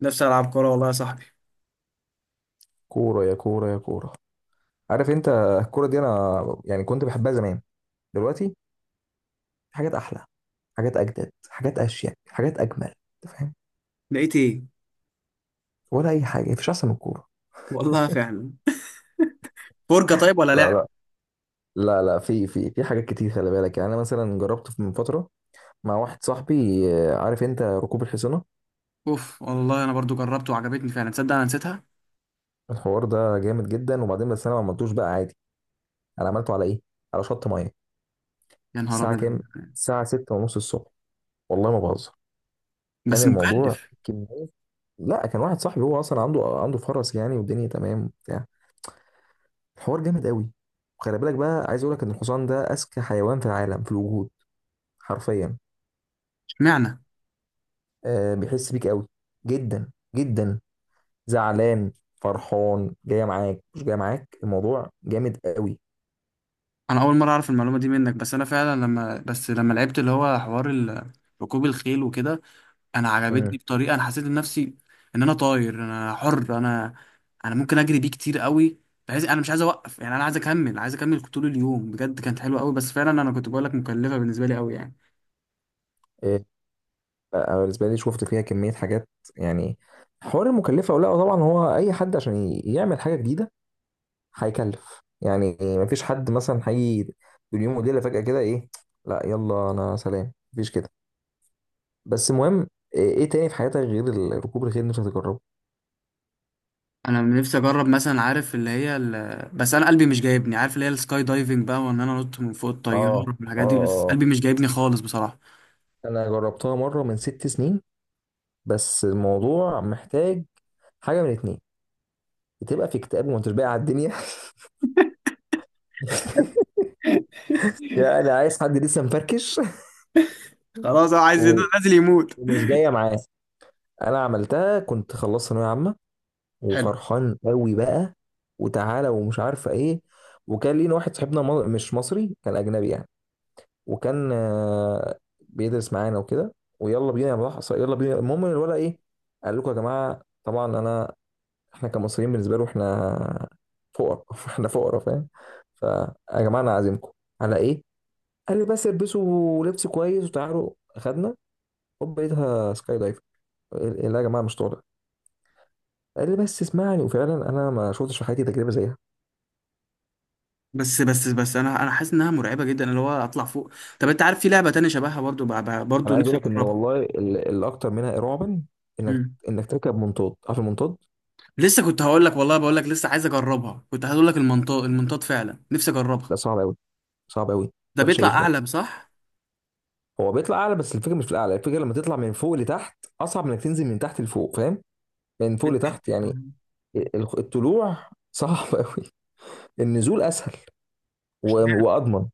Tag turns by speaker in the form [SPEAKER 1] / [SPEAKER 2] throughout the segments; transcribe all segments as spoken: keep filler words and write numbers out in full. [SPEAKER 1] نفسي العب كوره، والله يا صاحبي.
[SPEAKER 2] كورة يا كورة يا كورة. عارف انت، الكورة دي انا يعني كنت بحبها زمان. دلوقتي في حاجات احلى، حاجات اجدد، حاجات اشيك، حاجات اجمل، انت فاهم.
[SPEAKER 1] لقيت ايه؟
[SPEAKER 2] ولا اي حاجة، مفيش احسن من الكورة.
[SPEAKER 1] والله فعلا. فرجه طيب ولا
[SPEAKER 2] لا
[SPEAKER 1] لعب؟
[SPEAKER 2] لا، لا لا، في في في حاجات كتير، خلي بالك، يعني انا مثلا جربت من فترة مع واحد صاحبي آه، عارف انت، ركوب الحصانة.
[SPEAKER 1] اوف والله، انا برضو جربت وعجبتني فعلا. تصدق انا نسيتها.
[SPEAKER 2] الحوار ده جامد جدا، وبعدين بس انا ما عملتوش بقى عادي. انا عملته على ايه؟ على شط مية.
[SPEAKER 1] يا نهار
[SPEAKER 2] الساعة
[SPEAKER 1] ابيض.
[SPEAKER 2] كام؟ الساعة ستة ونص الصبح، والله ما بهزر. كان
[SPEAKER 1] بس
[SPEAKER 2] الموضوع
[SPEAKER 1] مكلف.
[SPEAKER 2] كمية، لا كان واحد صاحبي هو اصلا عنده عنده فرس يعني، والدنيا تمام وبتاع. الحوار جامد قوي. وخلي بالك بقى، عايز اقول لك ان الحصان ده اذكى حيوان في العالم، في الوجود، حرفيا.
[SPEAKER 1] اشمعنى؟
[SPEAKER 2] آه بيحس بيك قوي، جدا جدا. زعلان، فرحان، جاي معاك، مش جاي معاك. الموضوع جامد قوي.
[SPEAKER 1] انا اول مره اعرف المعلومه دي منك، بس انا فعلا لما بس لما لعبت اللي هو حوار ال- ركوب الخيل وكده. انا
[SPEAKER 2] مم.
[SPEAKER 1] عجبتني بطريقه، انا حسيت إن نفسي ان انا طاير، انا حر، انا انا ممكن اجري بيه كتير قوي، بحيث انا مش عايز اوقف، يعني انا عايز اكمل عايز اكمل طول اليوم، بجد كانت حلوه قوي. بس فعلا انا كنت بقول لك مكلفه بالنسبه لي قوي يعني.
[SPEAKER 2] آه، بقى بالنسبه لي، شفت فيها كميه حاجات يعني. حوار المكلفه ولا لا؟ طبعا، هو اي حد عشان ي- يعمل حاجه جديده هيكلف يعني. مفيش حد مثلا هيجي باليوم وليله فجاه كده، ايه! لا يلا انا سلام، مفيش كده. بس المهم، ايه إيه تاني في حياتك غير ال- ركوب الخيل مش هتجربه؟
[SPEAKER 1] انا نفسي اجرب مثلا، عارف اللي هي ال... بس انا قلبي مش جايبني. عارف اللي هي السكاي دايفنج بقى، وان انا انط من فوق الطياره
[SPEAKER 2] اه اه
[SPEAKER 1] والحاجات دي، بس
[SPEAKER 2] اه،
[SPEAKER 1] قلبي مش جايبني خالص بصراحه.
[SPEAKER 2] انا جربتها مره من ست سنين. بس الموضوع محتاج حاجه من اتنين، بتبقى في اكتئاب وما انتش باقي على الدنيا. يعني انا عايز حد لسه مفركش.
[SPEAKER 1] خلاص انا عايز ينزل
[SPEAKER 2] و-
[SPEAKER 1] نازل يموت.
[SPEAKER 2] ومش جايه معاه. انا عملتها كنت خلصت ثانويه عامه،
[SPEAKER 1] حلو.
[SPEAKER 2] وفرحان قوي بقى وتعالى ومش عارفه ايه. وكان لينا واحد صاحبنا م- مش مصري، كان اجنبي يعني. وكان آه، بيدرس معانا وكده. ويلا بينا يا ملاحظ، يلا بينا. المهم إن الولد ايه، قال لكم يا جماعه، طبعا انا، احنا كمصريين بالنسبه له احنا فقراء. احنا فقراء، فاهم. فيا جماعه انا عازمكم. على ايه؟ قال لي بس البسوا لبس كويس وتعالوا. اخدنا، هوب لقيتها سكاي دايفر. لا يا جماعه مش طالع. قال لي بس اسمعني، وفعلا انا ما شفتش في حياتي تجربه زيها.
[SPEAKER 1] بس بس بس انا انا حاسس انها مرعبه جدا اللي هو اطلع فوق. طب انت عارف في لعبه تانية شبهها برضو بقى بقى-
[SPEAKER 2] انا
[SPEAKER 1] برضو
[SPEAKER 2] عايز
[SPEAKER 1] نفسي
[SPEAKER 2] اقول لك ان
[SPEAKER 1] اجربها.
[SPEAKER 2] والله ال- الاكتر منها رعبا، انك
[SPEAKER 1] مم.
[SPEAKER 2] انك تركب منطاد. عارف المنطاد؟
[SPEAKER 1] لسه كنت هقول لك والله، بقول لك لسه عايز اجربها، كنت هقول لك المنطاد، المنطاد فعلا نفسي اجربها.
[SPEAKER 2] لا صعب قوي، صعب قوي،
[SPEAKER 1] ده
[SPEAKER 2] وحشه
[SPEAKER 1] بيطلع
[SPEAKER 2] جدا.
[SPEAKER 1] اعلى صح؟
[SPEAKER 2] هو بيطلع اعلى، بس الفكره مش في الاعلى، الفكره لما تطلع من فوق لتحت اصعب من انك تنزل من تحت لفوق، فاهم. من فوق لتحت يعني، ال- الطلوع صعب قوي، النزول اسهل و- واضمن.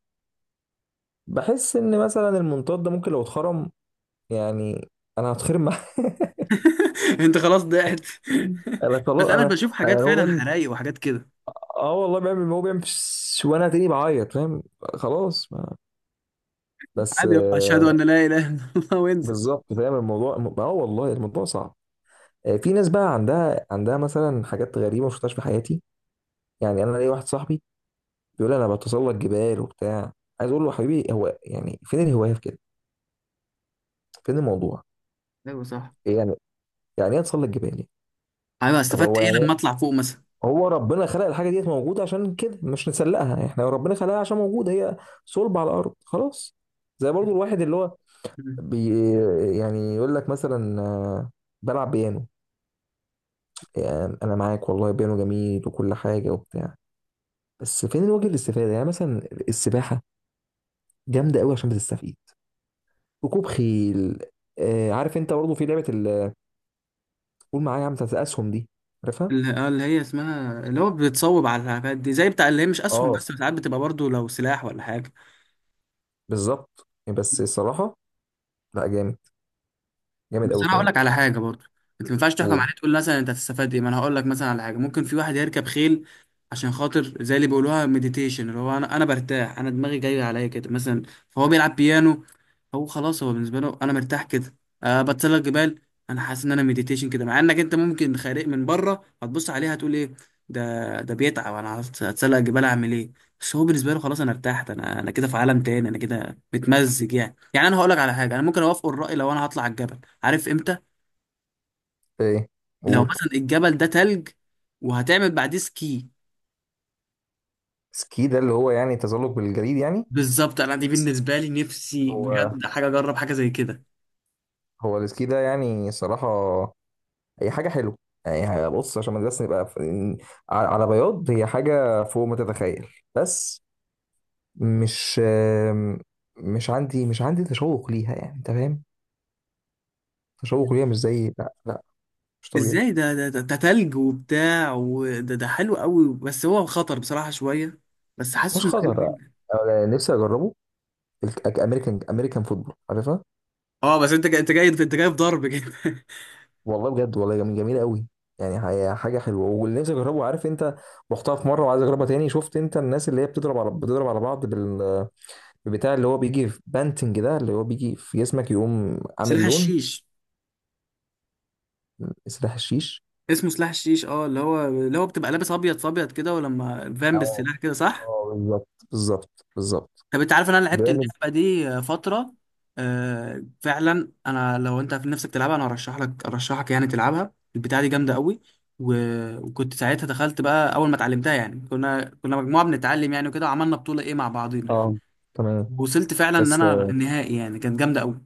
[SPEAKER 2] بحس ان مثلا المنطاد ده ممكن لو اتخرم يعني انا هتخرم معاه.
[SPEAKER 1] انت خلاص ضعت.
[SPEAKER 2] انا
[SPEAKER 1] بس
[SPEAKER 2] خلاص
[SPEAKER 1] انا
[SPEAKER 2] انا،
[SPEAKER 1] بشوف حاجات
[SPEAKER 2] أنا هو
[SPEAKER 1] فعلا
[SPEAKER 2] بيعمل،
[SPEAKER 1] حرايق وحاجات كده.
[SPEAKER 2] اه والله بيعمل، هو بيعمل فش- وانا تاني بعيط، فاهم، خلاص. بس
[SPEAKER 1] عادي يابا، اشهد
[SPEAKER 2] آه،
[SPEAKER 1] ان لا اله الا الله وانزل.
[SPEAKER 2] بالظبط، فاهم الموضوع. م- اه والله الموضوع صعب. آه، في ناس بقى عندها عندها مثلا حاجات غريبه ما شفتهاش في حياتي. يعني انا ليا واحد صاحبي بيقول لي انا بتسلق جبال وبتاع. عايز اقول له يا حبيبي، هو يعني فين الهوايه في كده؟ فين الموضوع؟
[SPEAKER 1] ايوه صح.
[SPEAKER 2] إيه يعني؟ يعني ايه اتسلق جبال يعني؟
[SPEAKER 1] ايوه،
[SPEAKER 2] طب
[SPEAKER 1] استفدت
[SPEAKER 2] هو
[SPEAKER 1] ايه
[SPEAKER 2] يعني،
[SPEAKER 1] لما اطلع فوق مثلا؟
[SPEAKER 2] هو ربنا خلق الحاجه ديت موجوده عشان كده مش نسلقها احنا، ربنا خلقها عشان موجوده هي، صلب على الارض خلاص. زي برضو الواحد اللي هو
[SPEAKER 1] مم.
[SPEAKER 2] بي يعني يقول لك مثلا آه، بلعب بيانو. يعني انا معاك والله، بيانو جميل وكل حاجه وبتاع، بس فين الوجه الاستفاده؟ يعني مثلا السباحه جامده قوي عشان بتستفيد. ركوب خيل، آه عارف انت برضه في لعبه ال- قول معايا يا عم بتاعت الاسهم دي، عارفها.
[SPEAKER 1] اللي آه، اللي هي اسمها اللي هو بتصوب على الحاجات دي زي بتاع، اللي هي مش اسهم،
[SPEAKER 2] اه
[SPEAKER 1] بس ساعات بتبقى برضو لو سلاح ولا حاجه.
[SPEAKER 2] بالظبط. بس الصراحه، لا جامد، جامد
[SPEAKER 1] بس
[SPEAKER 2] قوي
[SPEAKER 1] انا هقول
[SPEAKER 2] كمان.
[SPEAKER 1] لك على حاجه برضه، انت ما ينفعش تحكم
[SPEAKER 2] قول،
[SPEAKER 1] عليه تقول مثلا انت هتستفاد ايه، ما انا هقول لك مثلا على حاجه، ممكن في واحد يركب خيل عشان خاطر زي اللي بيقولوها مديتيشن، اللي هو انا انا برتاح انا دماغي جايه عليا كده مثلا. فهو بيلعب بيانو، هو خلاص هو بالنسبه له انا مرتاح كده. أه بتسلق جبال، انا حاسس ان انا مديتيشن كده، مع انك انت ممكن خارق من بره هتبص عليها هتقول ايه؟ ده ده بيتعب، انا هت- هتسلق جبال اعمل ايه؟ بس هو بالنسبه له خلاص انا ارتحت، انا انا كده في عالم تاني، انا كده متمزج، يعني يعني انا هقول لك على حاجه. انا ممكن اوافق الراي لو انا هطلع الجبل، عارف امتى؟
[SPEAKER 2] ايه؟
[SPEAKER 1] لو
[SPEAKER 2] قول.
[SPEAKER 1] مثلا الجبل ده تلج وهتعمل بعديه سكي.
[SPEAKER 2] سكي ده اللي هو يعني تزلج بالجليد يعني؟
[SPEAKER 1] بالظبط، انا دي بالنسبه لي نفسي
[SPEAKER 2] هو،
[SPEAKER 1] بجد حاجه اجرب حاجه زي كده.
[SPEAKER 2] هو السكي ده يعني صراحة هي حاجه حلوه يعني. بص، عشان ما بس نبقى ف- ن- على، على بياض، هي حاجه فوق ما تتخيل. بس مش آم، مش عندي مش عندي تشوق ليها، يعني انت فاهم. تشوق ليها مش زي، لا لا مش طبيعي.
[SPEAKER 1] ازاي؟ ده ده ده, ده تلج وبتاع. وده ده حلو قوي، بس هو خطر بصراحه شويه، بس حاسه
[SPEAKER 2] مش
[SPEAKER 1] انه حلو
[SPEAKER 2] خطر،
[SPEAKER 1] جدا.
[SPEAKER 2] أنا نفسي اجربه. الامريكان، امريكان فوتبول، عارفها.
[SPEAKER 1] اه، بس انت جاي انت جاي انت جاي في ضرب كده.
[SPEAKER 2] والله بجد، والله جميل، جميله قوي. يعني هي حاجه حلوه. واللي نفسي اجربه، عارف انت، رحتها في مره وعايز اجربها تاني. شفت انت الناس اللي هي بتضرب على، بتضرب على بعض بال، بتاع اللي هو بيجي في بانتنج ده، اللي هو بيجي في جسمك يقوم عامل
[SPEAKER 1] سلاح
[SPEAKER 2] لون.
[SPEAKER 1] الشيش.
[SPEAKER 2] سلاح الشيش.
[SPEAKER 1] اسمه سلاح الشيش، اه، اللي هو اللي هو بتبقى لابس ابيض في ابيض كده، ولما فان
[SPEAKER 2] اه
[SPEAKER 1] بالسلاح كده صح.
[SPEAKER 2] اه، بالظبط بالظبط بالظبط.
[SPEAKER 1] طب انت عارف ان انا لعبت
[SPEAKER 2] جامد.
[SPEAKER 1] اللعبه دي فتره؟ آه فعلا، انا لو انت في نفسك تلعبها، انا ارشح لك، ارشحك يعني تلعبها. البتاعه دي جامده قوي. و... وكنت ساعتها دخلت بقى اول ما اتعلمتها يعني، كنا كنا مجموعه بنتعلم يعني وكده، وعملنا بطوله ايه مع بعضينا.
[SPEAKER 2] اه، تمام.
[SPEAKER 1] وصلت فعلا ان
[SPEAKER 2] بس
[SPEAKER 1] انا
[SPEAKER 2] آه،
[SPEAKER 1] النهائي، يعني كانت جامده قوي.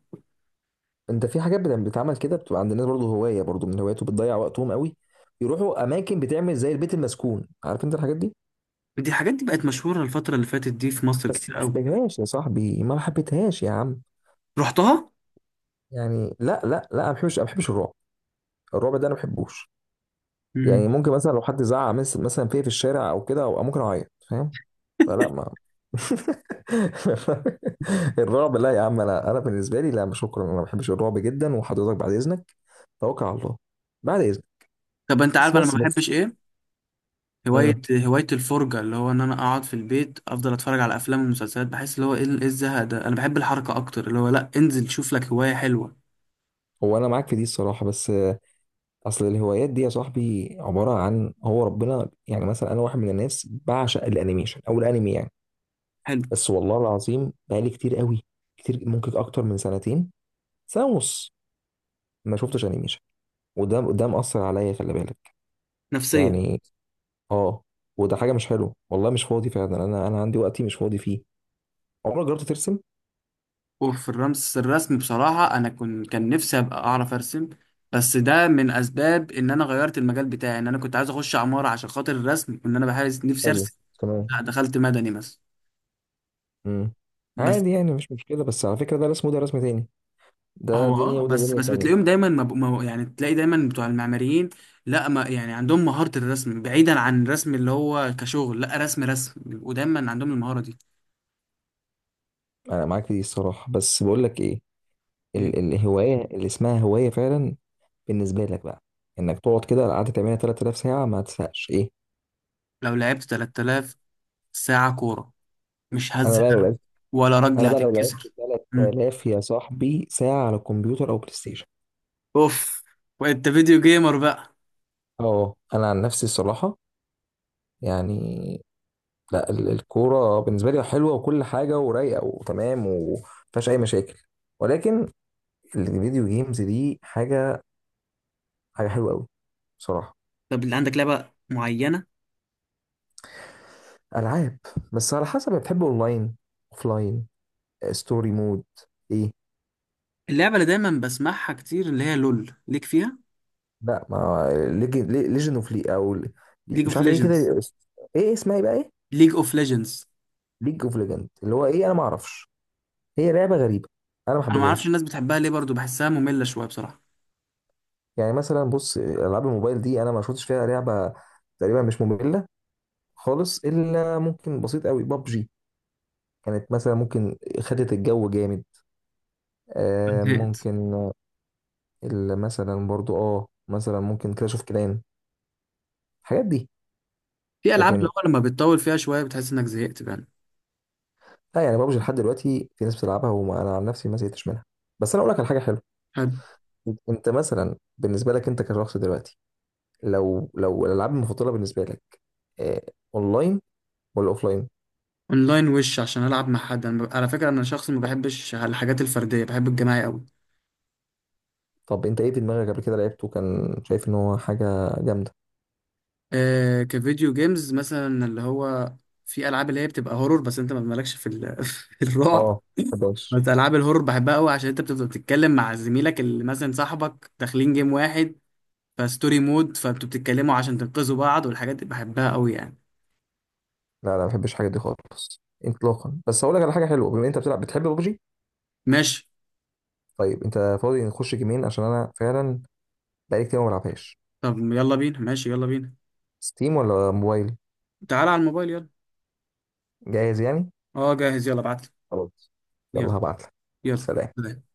[SPEAKER 2] انت في حاجات بت- بتتعمل كده، بتبقى عند الناس برضه هوايه، برضه من هواياته بتضيع وقتهم قوي. يروحوا اماكن بتعمل زي البيت المسكون، عارف انت الحاجات دي.
[SPEAKER 1] دي الحاجات دي بقت مشهوره الفتره اللي فاتت دي في مصر
[SPEAKER 2] بس
[SPEAKER 1] كتير
[SPEAKER 2] ما
[SPEAKER 1] قوي.
[SPEAKER 2] حبيتهاش يا صاحبي، ما حبيتهاش يا عم،
[SPEAKER 1] رحتها.
[SPEAKER 2] يعني لا لا لا، ما بحبش ما بحبش الرعب. الرعب ده انا ما بحبوش. يعني
[SPEAKER 1] امم.
[SPEAKER 2] ممكن مثلا لو حد زعق مس- مثلا فيا في الشارع او كده، او ممكن اعيط، فاهم. فلا ما، الرعب لا يا عم، انا انا بالنسبه لي لا شكرا، انا ما بحبش الرعب جدا. وحضرتك بعد اذنك، توكل على الله، بعد اذنك.
[SPEAKER 1] طب انت
[SPEAKER 2] بس
[SPEAKER 1] عارف انا ما
[SPEAKER 2] بس بس
[SPEAKER 1] بحبش ايه؟ هواية
[SPEAKER 2] امم،
[SPEAKER 1] هواية الفرجة، اللي هو إن أنا أقعد في البيت أفضل أتفرج على أفلام ومسلسلات. بحس اللي هو إيه إيه الزهق ده. أنا بحب الحركة أكتر، اللي هو لأ انزل شوف لك هواية حلوة.
[SPEAKER 2] هو انا معاك في دي الصراحه. بس آه، اصل الهوايات دي يا صاحبي عباره عن، هو ربنا يعني، مثلا انا واحد من الناس بعشق الانيميشن او الانمي يعني.
[SPEAKER 1] حلو
[SPEAKER 2] بس والله العظيم بقالي كتير قوي، كتير، ممكن اكتر من سنتين، سنه ونص، ما شفتش انيميشن. وده ده مأثر عليا، خلي بالك
[SPEAKER 1] نفسيا.
[SPEAKER 2] يعني. اه، وده حاجه مش حلوه والله، مش فاضي فعلا، انا انا عندي وقتي مش فاضي فيه. عمرك جربت ترسم؟
[SPEAKER 1] وفي الرمس الرسم بصراحة، أنا كنت كان نفسي أبقى أعرف أرسم. بس ده من أسباب إن أنا غيرت المجال بتاعي، إن أنا كنت عايز أخش عمارة عشان خاطر الرسم، وإن أنا بحارس نفسي
[SPEAKER 2] حلو،
[SPEAKER 1] أرسم.
[SPEAKER 2] تمام.
[SPEAKER 1] لأ دخلت مدني مثلا.
[SPEAKER 2] امم،
[SPEAKER 1] بس
[SPEAKER 2] عادي يعني مش مشكله، بس على فكره ده رسم وده رسم تاني، ده
[SPEAKER 1] هو
[SPEAKER 2] دنيا
[SPEAKER 1] اه،
[SPEAKER 2] وده
[SPEAKER 1] بس
[SPEAKER 2] دنيا
[SPEAKER 1] بس
[SPEAKER 2] تانية.
[SPEAKER 1] بتلاقيهم دايما مب... مو- يعني تلاقي دايما بتوع المعماريين، لا ما يعني عندهم مهارة الرسم بعيدا عن الرسم اللي هو كشغل. لا رسم رسم بيبقوا دايما عندهم المهارة دي.
[SPEAKER 2] انا معاك في دي الصراحه بس بقول لك ايه، ال
[SPEAKER 1] مم.
[SPEAKER 2] الهوايه اللي اسمها هوايه فعلا، بالنسبه لك بقى، انك تقعد كده قعدت تعملها تلات آلاف ساعه ما تزهقش، ايه.
[SPEAKER 1] لو لعبت ثلاث آلاف ساعة كورة مش
[SPEAKER 2] انا بقى لو
[SPEAKER 1] هزهق،
[SPEAKER 2] لعبت
[SPEAKER 1] ولا رجل
[SPEAKER 2] انا بقى لو لعبت
[SPEAKER 1] هتتكسر. مم.
[SPEAKER 2] تلات آلاف يا صاحبي ساعه على الكمبيوتر او بلاي ستيشن.
[SPEAKER 1] اوف وانت فيديو جيمر بقى.
[SPEAKER 2] اه، انا عن نفسي الصراحه يعني، لا ال- الكورة بالنسبة لي حلوة وكل حاجة ورايقة وتمام ومفيهاش أي مشاكل. ولكن الفيديو جيمز دي حاجة، حاجة حلوة أوي بصراحة.
[SPEAKER 1] طب اللي عندك لعبة معينة؟
[SPEAKER 2] ألعاب، بس على حسب بتحب، أونلاين، أوفلاين، ستوري مود، إيه.
[SPEAKER 1] اللعبة اللي دايما بسمعها كتير اللي هي لول ليك فيها.
[SPEAKER 2] لا ما، ليجن أوف لي أو ل-
[SPEAKER 1] ليج
[SPEAKER 2] مش
[SPEAKER 1] اوف
[SPEAKER 2] عارف إيه كده.
[SPEAKER 1] ليجندز.
[SPEAKER 2] إيه اسمها إيه بقى، إيه؟
[SPEAKER 1] ليج اوف ليجندز.
[SPEAKER 2] ليج أوف ليجند اللي هو إيه، أنا ما أعرفش. هي لعبة غريبة، أنا ما
[SPEAKER 1] انا ما اعرفش
[SPEAKER 2] حبيتهاش.
[SPEAKER 1] الناس بتحبها ليه برضو، بحسها مملة شوية بصراحة.
[SPEAKER 2] يعني مثلا بص آه، ألعاب الموبايل دي أنا ما شفتش فيها لعبة تقريبا مش مملة خالص، الا ممكن بسيط قوي بابجي كانت مثلا، ممكن خدت الجو جامد. آه
[SPEAKER 1] زهقت.
[SPEAKER 2] ممكن، ال- مثلا برضو اه مثلا، ممكن كلاش اوف كلان الحاجات دي.
[SPEAKER 1] في العاب اللي
[SPEAKER 2] لكن
[SPEAKER 1] هو لما بتطول فيها شويه بتحس انك زهقت بقى.
[SPEAKER 2] لا يعني بابجي لحد دلوقتي في ناس بتلعبها، وانا عن نفسي ما زهقتش منها. بس انا اقول لك على حاجه حلوه،
[SPEAKER 1] حد.
[SPEAKER 2] انت مثلا بالنسبه لك، انت كشخص دلوقتي، لو لو الالعاب المفضله بالنسبه لك، آه، اونلاين ولا اوفلاين؟
[SPEAKER 1] اونلاين، وش عشان العب مع حد. انا ب- على فكره انا شخص ما بحبش الحاجات الفرديه، بحب الجماعي قوي.
[SPEAKER 2] طب انت ايه في دماغك قبل كده لعبته كان شايف ان هو حاجه جامده؟
[SPEAKER 1] آه كفيديو جيمز مثلا اللي هو، في العاب اللي هي بتبقى هورور، بس انت ما مالكش في, ال... في الرعب.
[SPEAKER 2] اه، ما
[SPEAKER 1] بس العاب الهورور بحبها قوي، عشان انت بتبقى بتتكلم مع زميلك اللي مثلا صاحبك داخلين جيم واحد، فستوري مود فانتوا بتتكلموا عشان تنقذوا بعض والحاجات دي بحبها قوي يعني.
[SPEAKER 2] لا لا ما بحبش الحاجات دي خالص اطلاقا. بس هقول لك على حاجه حلوه، بما انت بتلعب بتحب ببجي.
[SPEAKER 1] ماشي.
[SPEAKER 2] طيب انت فاضي نخش جيمين؟ عشان انا فعلا بقالي كتير ما بلعبهاش.
[SPEAKER 1] طب يلا بينا، ماشي يلا بينا.
[SPEAKER 2] ستيم ولا موبايل؟
[SPEAKER 1] تعال على الموبايل يلا.
[SPEAKER 2] جاهز يعني.
[SPEAKER 1] اه جاهز، يلا ابعت لي.
[SPEAKER 2] خلاص، يلا
[SPEAKER 1] يلا.
[SPEAKER 2] هبعت لك.
[SPEAKER 1] يلا.
[SPEAKER 2] سلام.
[SPEAKER 1] سلام.